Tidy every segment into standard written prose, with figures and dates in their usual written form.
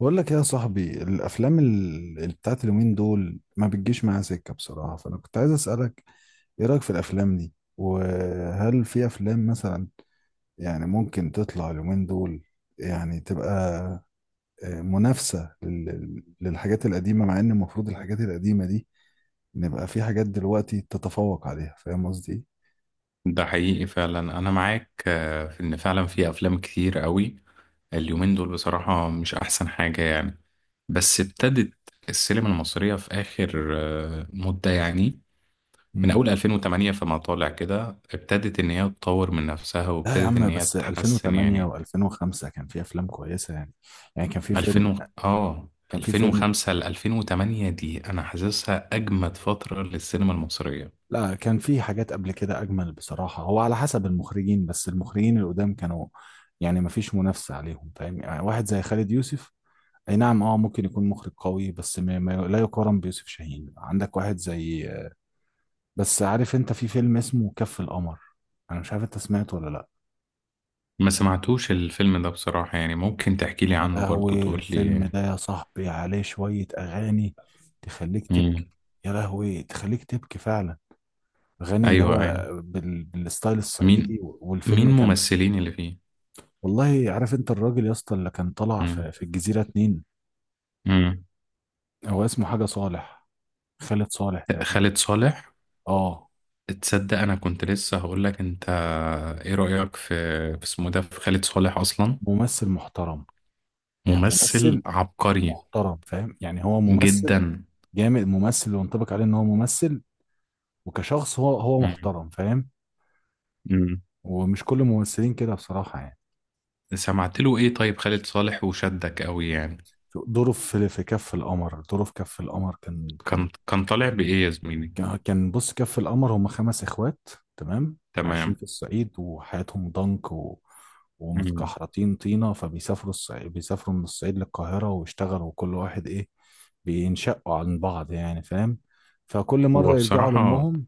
بقول لك إيه يا صاحبي الافلام بتاعت اليومين دول ما بتجيش معايا سكه بصراحه، فانا كنت عايز اسالك ايه رايك في الافلام دي، وهل في افلام مثلا يعني ممكن تطلع اليومين دول يعني تبقى منافسه للحاجات القديمه، مع ان المفروض الحاجات القديمه دي نبقى في حاجات دلوقتي تتفوق عليها. فاهم قصدي إيه؟ ده حقيقي فعلا، انا معاك. في ان فعلا في افلام كتير قوي اليومين دول، بصراحة مش احسن حاجة يعني. بس ابتدت السينما المصرية في اخر مدة يعني، من امم. اول 2008 فما طالع كده، ابتدت ان هي تطور من نفسها لا يا وابتدت ان عم، هي بس تتحسن 2008 يعني. و2005 كان في افلام كويسه يعني كان في فيلم 2000 و... اه كان في فيلم 2005 ل 2008 دي انا حاسسها اجمد فترة للسينما المصرية. لا، كان في حاجات قبل كده اجمل بصراحه. هو على حسب المخرجين، بس المخرجين القدام كانوا يعني ما فيش منافسه عليهم، فاهم؟ يعني واحد زي خالد يوسف، اي نعم، اه ممكن يكون مخرج قوي، بس ما لا يقارن بيوسف شاهين. عندك واحد زي، بس عارف انت في فيلم اسمه كف القمر؟ انا مش عارف انت سمعته ولا لا. ما سمعتوش الفيلم ده بصراحة يعني، ممكن تحكي لي يا عنه برضو، لهوي، تقول الفيلم ده يا صاحبي عليه شويه اغاني تخليك لي. تبكي. يا لهوي، تخليك تبكي فعلا. اغاني اللي ايوه، هو ايوه، بالستايل مين الصعيدي، مين والفيلم كان، ممثلين اللي فيه؟ والله عارف انت الراجل يا اسطى اللي كان طلع مم. في الجزيرة اتنين، مم. هو اسمه حاجة صالح، خالد صالح تقريبا. خالد صالح. اه، تصدق انا كنت لسه هقول لك انت، ايه رأيك في اسمه ده، في خالد صالح اصلا؟ ممثل محترم، يعني ممثل ممثل عبقري محترم، فاهم؟ يعني هو ممثل جدا. جامد، ممثل وينطبق عليه ان هو ممثل، وكشخص هو مم. محترم، فاهم؟ مم. ومش كل الممثلين كده بصراحة يعني. سمعت له ايه طيب خالد صالح وشدك قوي يعني؟ دوره في كف القمر دوره في كف القمر كان. كان طالع بايه يا زميلي؟ كان بص، كف القمر هم خمس اخوات، تمام؟ عايشين تمام. في الصعيد وحياتهم ضنك، مم. ومتكحرطين طينة، فبيسافروا الصعيد، بيسافروا من الصعيد للقاهرة ويشتغلوا وكل واحد ايه، بينشقوا عن بعض يعني، فاهم؟ فكل مرة هو يرجعوا بصراحة. لأمهم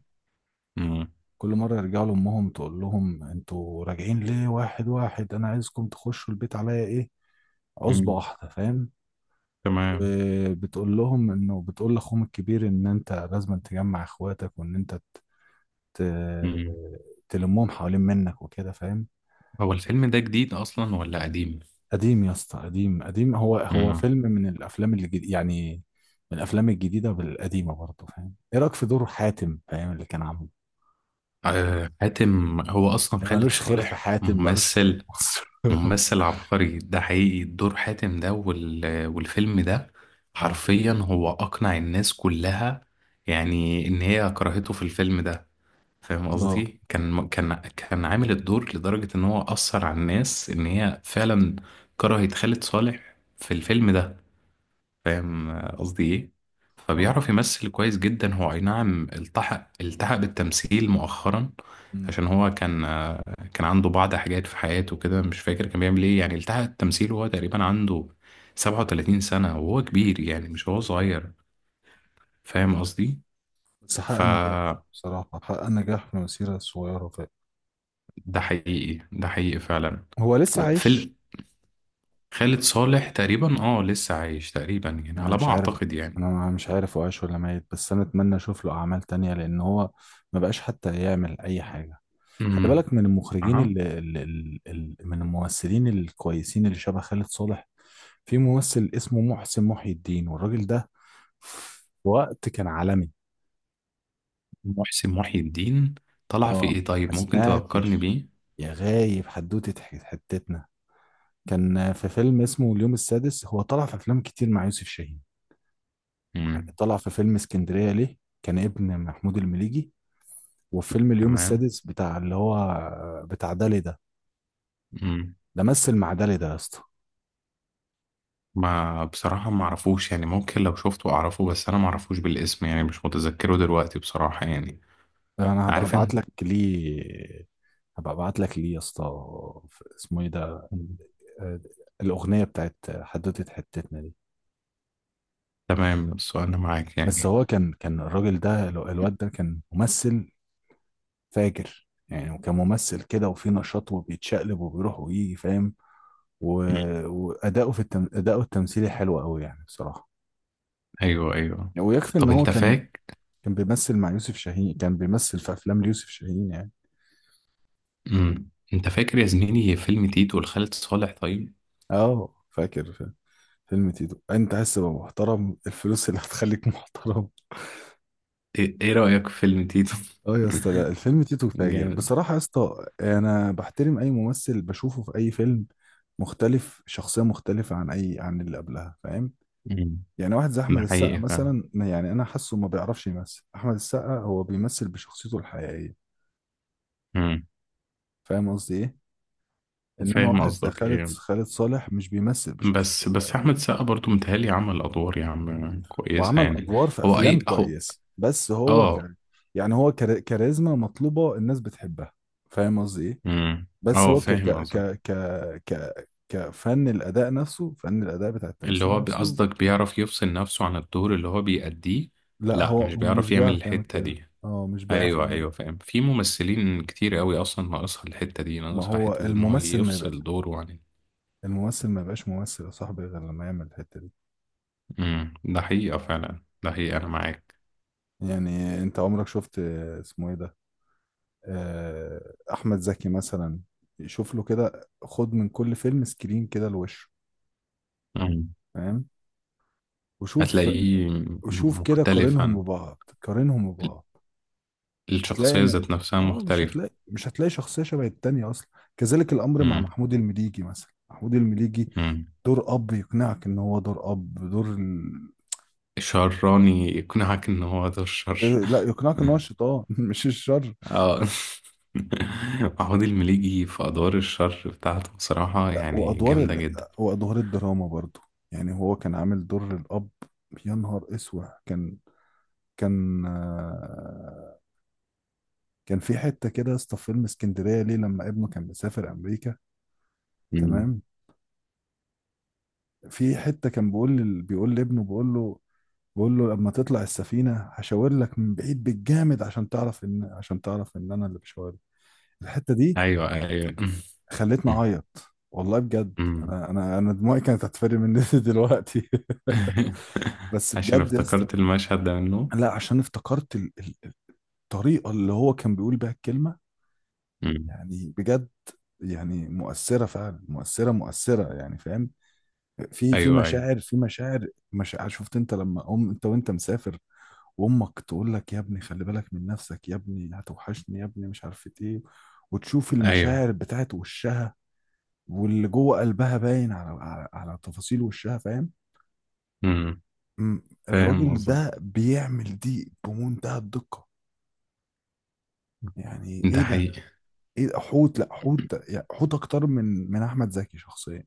مم. كل مرة يرجعوا لأمهم تقول لهم انتوا راجعين ليه، واحد واحد؟ انا عايزكم تخشوا البيت عليا ايه، عصبة مم. واحدة، فاهم؟ تمام. وبتقول لهم انه، بتقول لاخوهم الكبير ان انت لازم تجمع اخواتك، وان انت ت- مم. تلمهم حوالين منك وكده، فاهم؟ هو الفيلم ده جديد اصلا ولا قديم؟ قديم يا اسطى، قديم قديم. هو مم. فيلم من الافلام اللي يعني من الافلام الجديده بالقديمه برضه، فاهم؟ ايه رايك في دور حاتم، فاهم اللي كان عامله؟ حاتم هو اصلا اللي خالد مالوش خير في صالح حاتم مالوش خير في ممثل مصر. ممثل عبقري، ده حقيقي. دور حاتم ده والفيلم ده، اه، حرفيا هو اقنع الناس كلها يعني ان هي كرهته في الفيلم ده. فاهم اه، قصدي؟ كان عامل الدور لدرجة ان هو اثر على الناس ان هي فعلا كرهت خالد صالح في الفيلم ده. فاهم قصدي ايه؟ اه. فبيعرف يمثل كويس جدا. هو اي نعم، التحق بالتمثيل مؤخرا. أمم. عشان هو كان، كان عنده بعض حاجات في حياته كده، مش فاكر كان بيعمل ايه يعني. التحق التمثيل وهو تقريبا عنده 37 سنة، وهو كبير يعني، مش هو صغير. فاهم قصدي؟ بس حقق نجاح، فده بصراحة حقق نجاح في مسيرة صغيرة فعلا. حقيقي، ده حقيقي فعلا. هو لسه وفي عايش؟ ال- خالد صالح تقريبا اه، لسه عايش تقريبا يعني، انا على مش ما عارف اعتقد يعني. انا مش عارف هو عايش ولا ميت، بس انا اتمنى اشوف له اعمال تانية، لان هو ما بقاش حتى يعمل اي حاجه. خلي امم. بالك من المخرجين، اها. ال ال ال ال من الممثلين الكويسين اللي شبه خالد صالح. في ممثل اسمه محسن محي الدين، والراجل ده في وقت كان عالمي. محسن محي الدين طلع في اه، ايه ما طيب، ممكن تفكرني سمعتش بيه؟ يا غايب حدوتة حتتنا؟ كان في فيلم اسمه اليوم السادس، هو طلع في افلام كتير مع يوسف شاهين. يعني امم. طلع في فيلم اسكندرية ليه، كان ابن محمود المليجي، وفيلم اليوم تمام. السادس بتاع اللي هو بتاع دالي ده امم. ده مثل مع دالي ده يا اسطى. ما بصراحة ما اعرفوش يعني، ممكن لو شفته اعرفه، بس انا ما اعرفوش بالاسم يعني، مش متذكره دلوقتي بصراحة يعني. انا هبقى عارف ابعت انت. لك ليه هبقى ابعت لك ليه يا اسطى. اسمه ايه ده، مم. آه، الاغنيه بتاعت حدوته حتتنا دي. تمام، السؤال انا معاك بس يعني. هو كان الراجل ده، الواد ده كان ممثل فاجر يعني، وكان ممثل كده وفي نشاط وبيتشقلب وبيروح ويجي، فاهم؟ و... مم. اداؤه التمثيلي حلو قوي يعني، بصراحه. ايوه، ايوه. ويكفي ان طب هو انت كان فاك. كان بيمثل مع يوسف شاهين، كان بيمثل في افلام ليوسف شاهين يعني. امم. انت فاكر يا زميلي فيلم تيتو لخالد صالح طيب؟ اه، فاكر. فيلم تيتو انت عايز تبقى محترم، الفلوس اللي هتخليك محترم. إيه رأيك في فيلم تيتو؟ اه يا اسطى، لا، الفيلم تيتو فاجر جامد. بصراحة يا اسطى. انا بحترم اي ممثل بشوفه في اي فيلم مختلف، شخصية مختلفة عن اي، عن اللي قبلها، فاهم؟ مم. يعني واحد زي ده احمد السقا حقيقي فعلا. مثلا، يعني انا حاسه ما بيعرفش يمثل. احمد السقا هو بيمثل بشخصيته الحقيقية، مم. فاهم قصدي ايه؟ انما فاهم واحد زي قصدك خالد ايه. خالد صالح مش بيمثل بشخصيته بس الحقيقية. احمد السقا برضو متهيألي عمل ادوار يا عم كويسه وعمل يعني. ادوار في هو اي افلام اهو. كويسه، بس هو اه. يعني هو كاريزما مطلوبه، الناس بتحبها، فاهم قصدي ايه؟ امم. بس اه، هو فاهم قصدك. كفن الاداء نفسه، فن الاداء بتاع اللي التمثيل هو نفسه. قصدك بيعرف يفصل نفسه عن الدور اللي هو بيأديه؟ لا، لا هو مش هو مش بيعرف يعمل بيعرف يعمل الحته كده. دي. اه، مش بيعرف ايوه، يعمل. ايوه، فاهم. في ممثلين كتير قوي اصلا ناقصها الحته دي، ما ناقصها هو حته ان هو الممثل ما يبقى، يفصل دوره عن. الممثل ما يبقاش ممثل يا صاحبي غير لما يعمل الحته دي. امم، ده حقيقه فعلا، ده حقيقه انا معاك. يعني انت عمرك شفت اسمه ايه ده، احمد زكي مثلا؟ شوف له كده، خد من كل فيلم سكرين كده لوشه، امم. فاهم؟ وشوف هتلاقيه وشوف كده، قارنهم مختلفا. ببعض، قارنهم ال- ببعض. هتلاقي الشخصيه م- ذات نفسها اه، مش مختلفه. هتلاقي مش هتلاقي شخصية شبه التانية أصلا. كذلك الأمر مع محمود المليجي مثلا، محمود المليجي امم. دور أب يقنعك إن هو دور أب، شراني يقنعك ان هو ده الشر. لا، يقنعك إن هو الشيطان مش الشر. اه. محمود المليجي في ادوار الشر بتاعته بصراحة لا، يعني جامدة جدا. وأدوار الدراما برضو. يعني هو كان عامل دور الأب، يا نهار اسوح. كان آه، كان في حته كده يا اسطى في فيلم اسكندريه ليه، لما ابنه كان مسافر امريكا، مم. تمام؟ في حتة كان بيقول لي، بيقول لابنه، بيقول له لما تطلع السفينة هشاور لك من بعيد بالجامد، عشان تعرف ان انا اللي بشاور. الحتة دي ايوه، ايوه. خلتني اعيط، والله بجد. مم. انا دموعي كانت هتفرق مني دلوقتي. بس عشان بجد يا اسطى، افتكرت المشهد ده منه. لا عشان افتكرت الطريقة اللي هو كان بيقول بيها الكلمة. مم. يعني بجد، يعني مؤثرة فعلا، مؤثرة مؤثرة يعني، فاهم؟ في ايوه، ايوه، مشاعر، في مشاعر مشاعر. شفت انت لما انت وانت مسافر، وامك تقول لك يا ابني خلي بالك من نفسك، يا ابني هتوحشني، يا ابني مش عارفه ايه، وتشوف ايوه. المشاعر بتاعت وشها واللي جوه قلبها باين على تفاصيل وشها، فاهم؟ مم. م- فاهم الراجل قصدك. ده بيعمل دي بمنتهى الدقة، يعني ده ايه ده حقيقي. ايه ده؟ حوت، لا حوت يعني، حوت اكتر من احمد زكي شخصيا.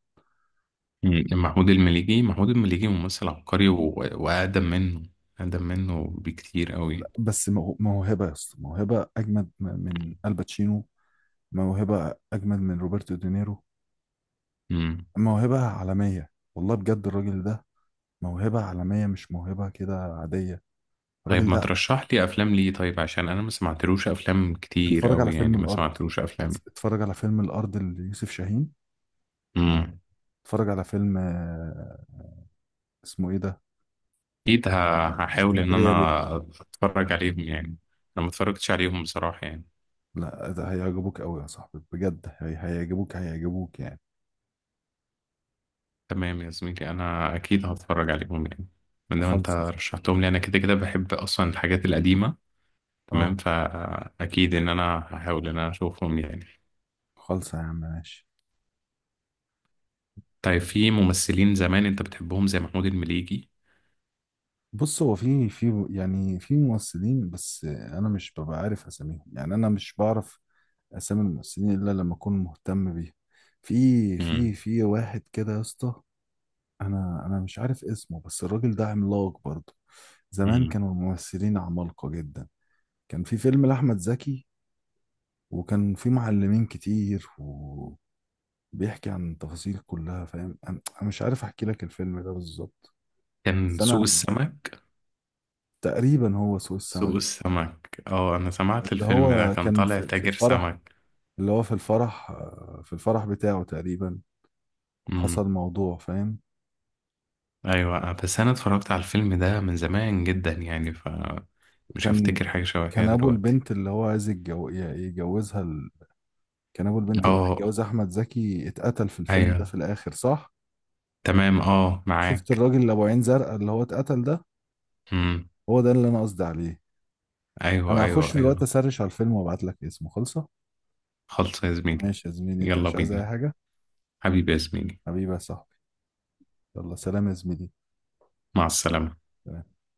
مم. محمود المليجي ممثل عبقري واقدم منه، اقدم منه بكتير قوي. لا بس موهبة يا اسطى، موهبة اجمد من الباتشينو، موهبة اجمد من روبرتو دينيرو، مم. موهبة عالمية، والله بجد. الراجل ده موهبة عالمية، مش موهبة كده عادية الراجل طيب، ما ده. ترشح لي افلام ليه طيب، عشان انا ما سمعتلوش افلام كتير اتفرج على قوي فيلم يعني، ما الأرض، سمعتلوش افلام. اتفرج على فيلم الأرض ليوسف شاهين. امم. اتفرج على فيلم اسمه ايه ده، اكيد هحاول ان اسكندرية ليه. انا اتفرج عليهم يعني. انا ما اتفرجتش عليهم بصراحة يعني. لا، ده هيعجبوك قوي يا صاحبي بجد، هيعجبوك يعني. تمام يا زميلي، انا اكيد هتفرج عليهم يعني، من ما انت خالص يا صاحبي. رشحتهم لي انا، كده كده بحب اصلا الحاجات القديمة. اه، تمام، فاكيد ان انا هحاول ان انا اشوفهم يعني. خالص يا عم، ماشي. طيب، في ممثلين زمان انت بتحبهم زي محمود المليجي؟ بص، هو في يعني في ممثلين، بس انا مش ببقى عارف اساميهم يعني، انا مش بعرف اسامي الممثلين الا لما اكون مهتم بيهم. في في امم. في واحد كده يا اسطى، انا مش عارف اسمه، بس الراجل ده عملاق برضه. زمان امم. كانوا الممثلين عمالقة جدا. كان في فيلم لأحمد زكي، وكان في معلمين كتير وبيحكي عن التفاصيل كلها، فاهم؟ انا مش عارف احكي لك الفيلم ده بالظبط، كان بس سوق انا السمك. تقريبا هو سوق سوق السمك. السمك، اه، انا سمعت اللي الفيلم ده هو كان كان طالع في تاجر الفرح، سمك. اللي هو في الفرح آه، في الفرح بتاعه تقريبا، امم. حصل موضوع، فاهم؟ ايوه، بس انا اتفرجت على الفيلم ده من زمان جدا يعني، فمش كان هفتكر حاجه شبه كده كان ابو دلوقتي. البنت اللي هو عايز يتجوزها، كان ابو البنت اللي اه. هيتجوز احمد زكي، اتقتل في الفيلم ده ايوه. في الاخر، صح؟ تمام، اه، شفت معاك. الراجل اللي ابو عين زرقاء اللي هو اتقتل ده؟ امم. هو ده اللي انا قصدي عليه. ايوه، انا ايوه، هخش دلوقتي ايوه. اسرش على الفيلم وابعت لك اسمه، خلصه. خلص يا زميلي. ماشي يا زميلي، انت يلا مش عايز اي بينا. حاجه؟ حبيبي يا زميلي. حبيبي يا صاحبي، يلا سلام يا زميلي. مع السلامه.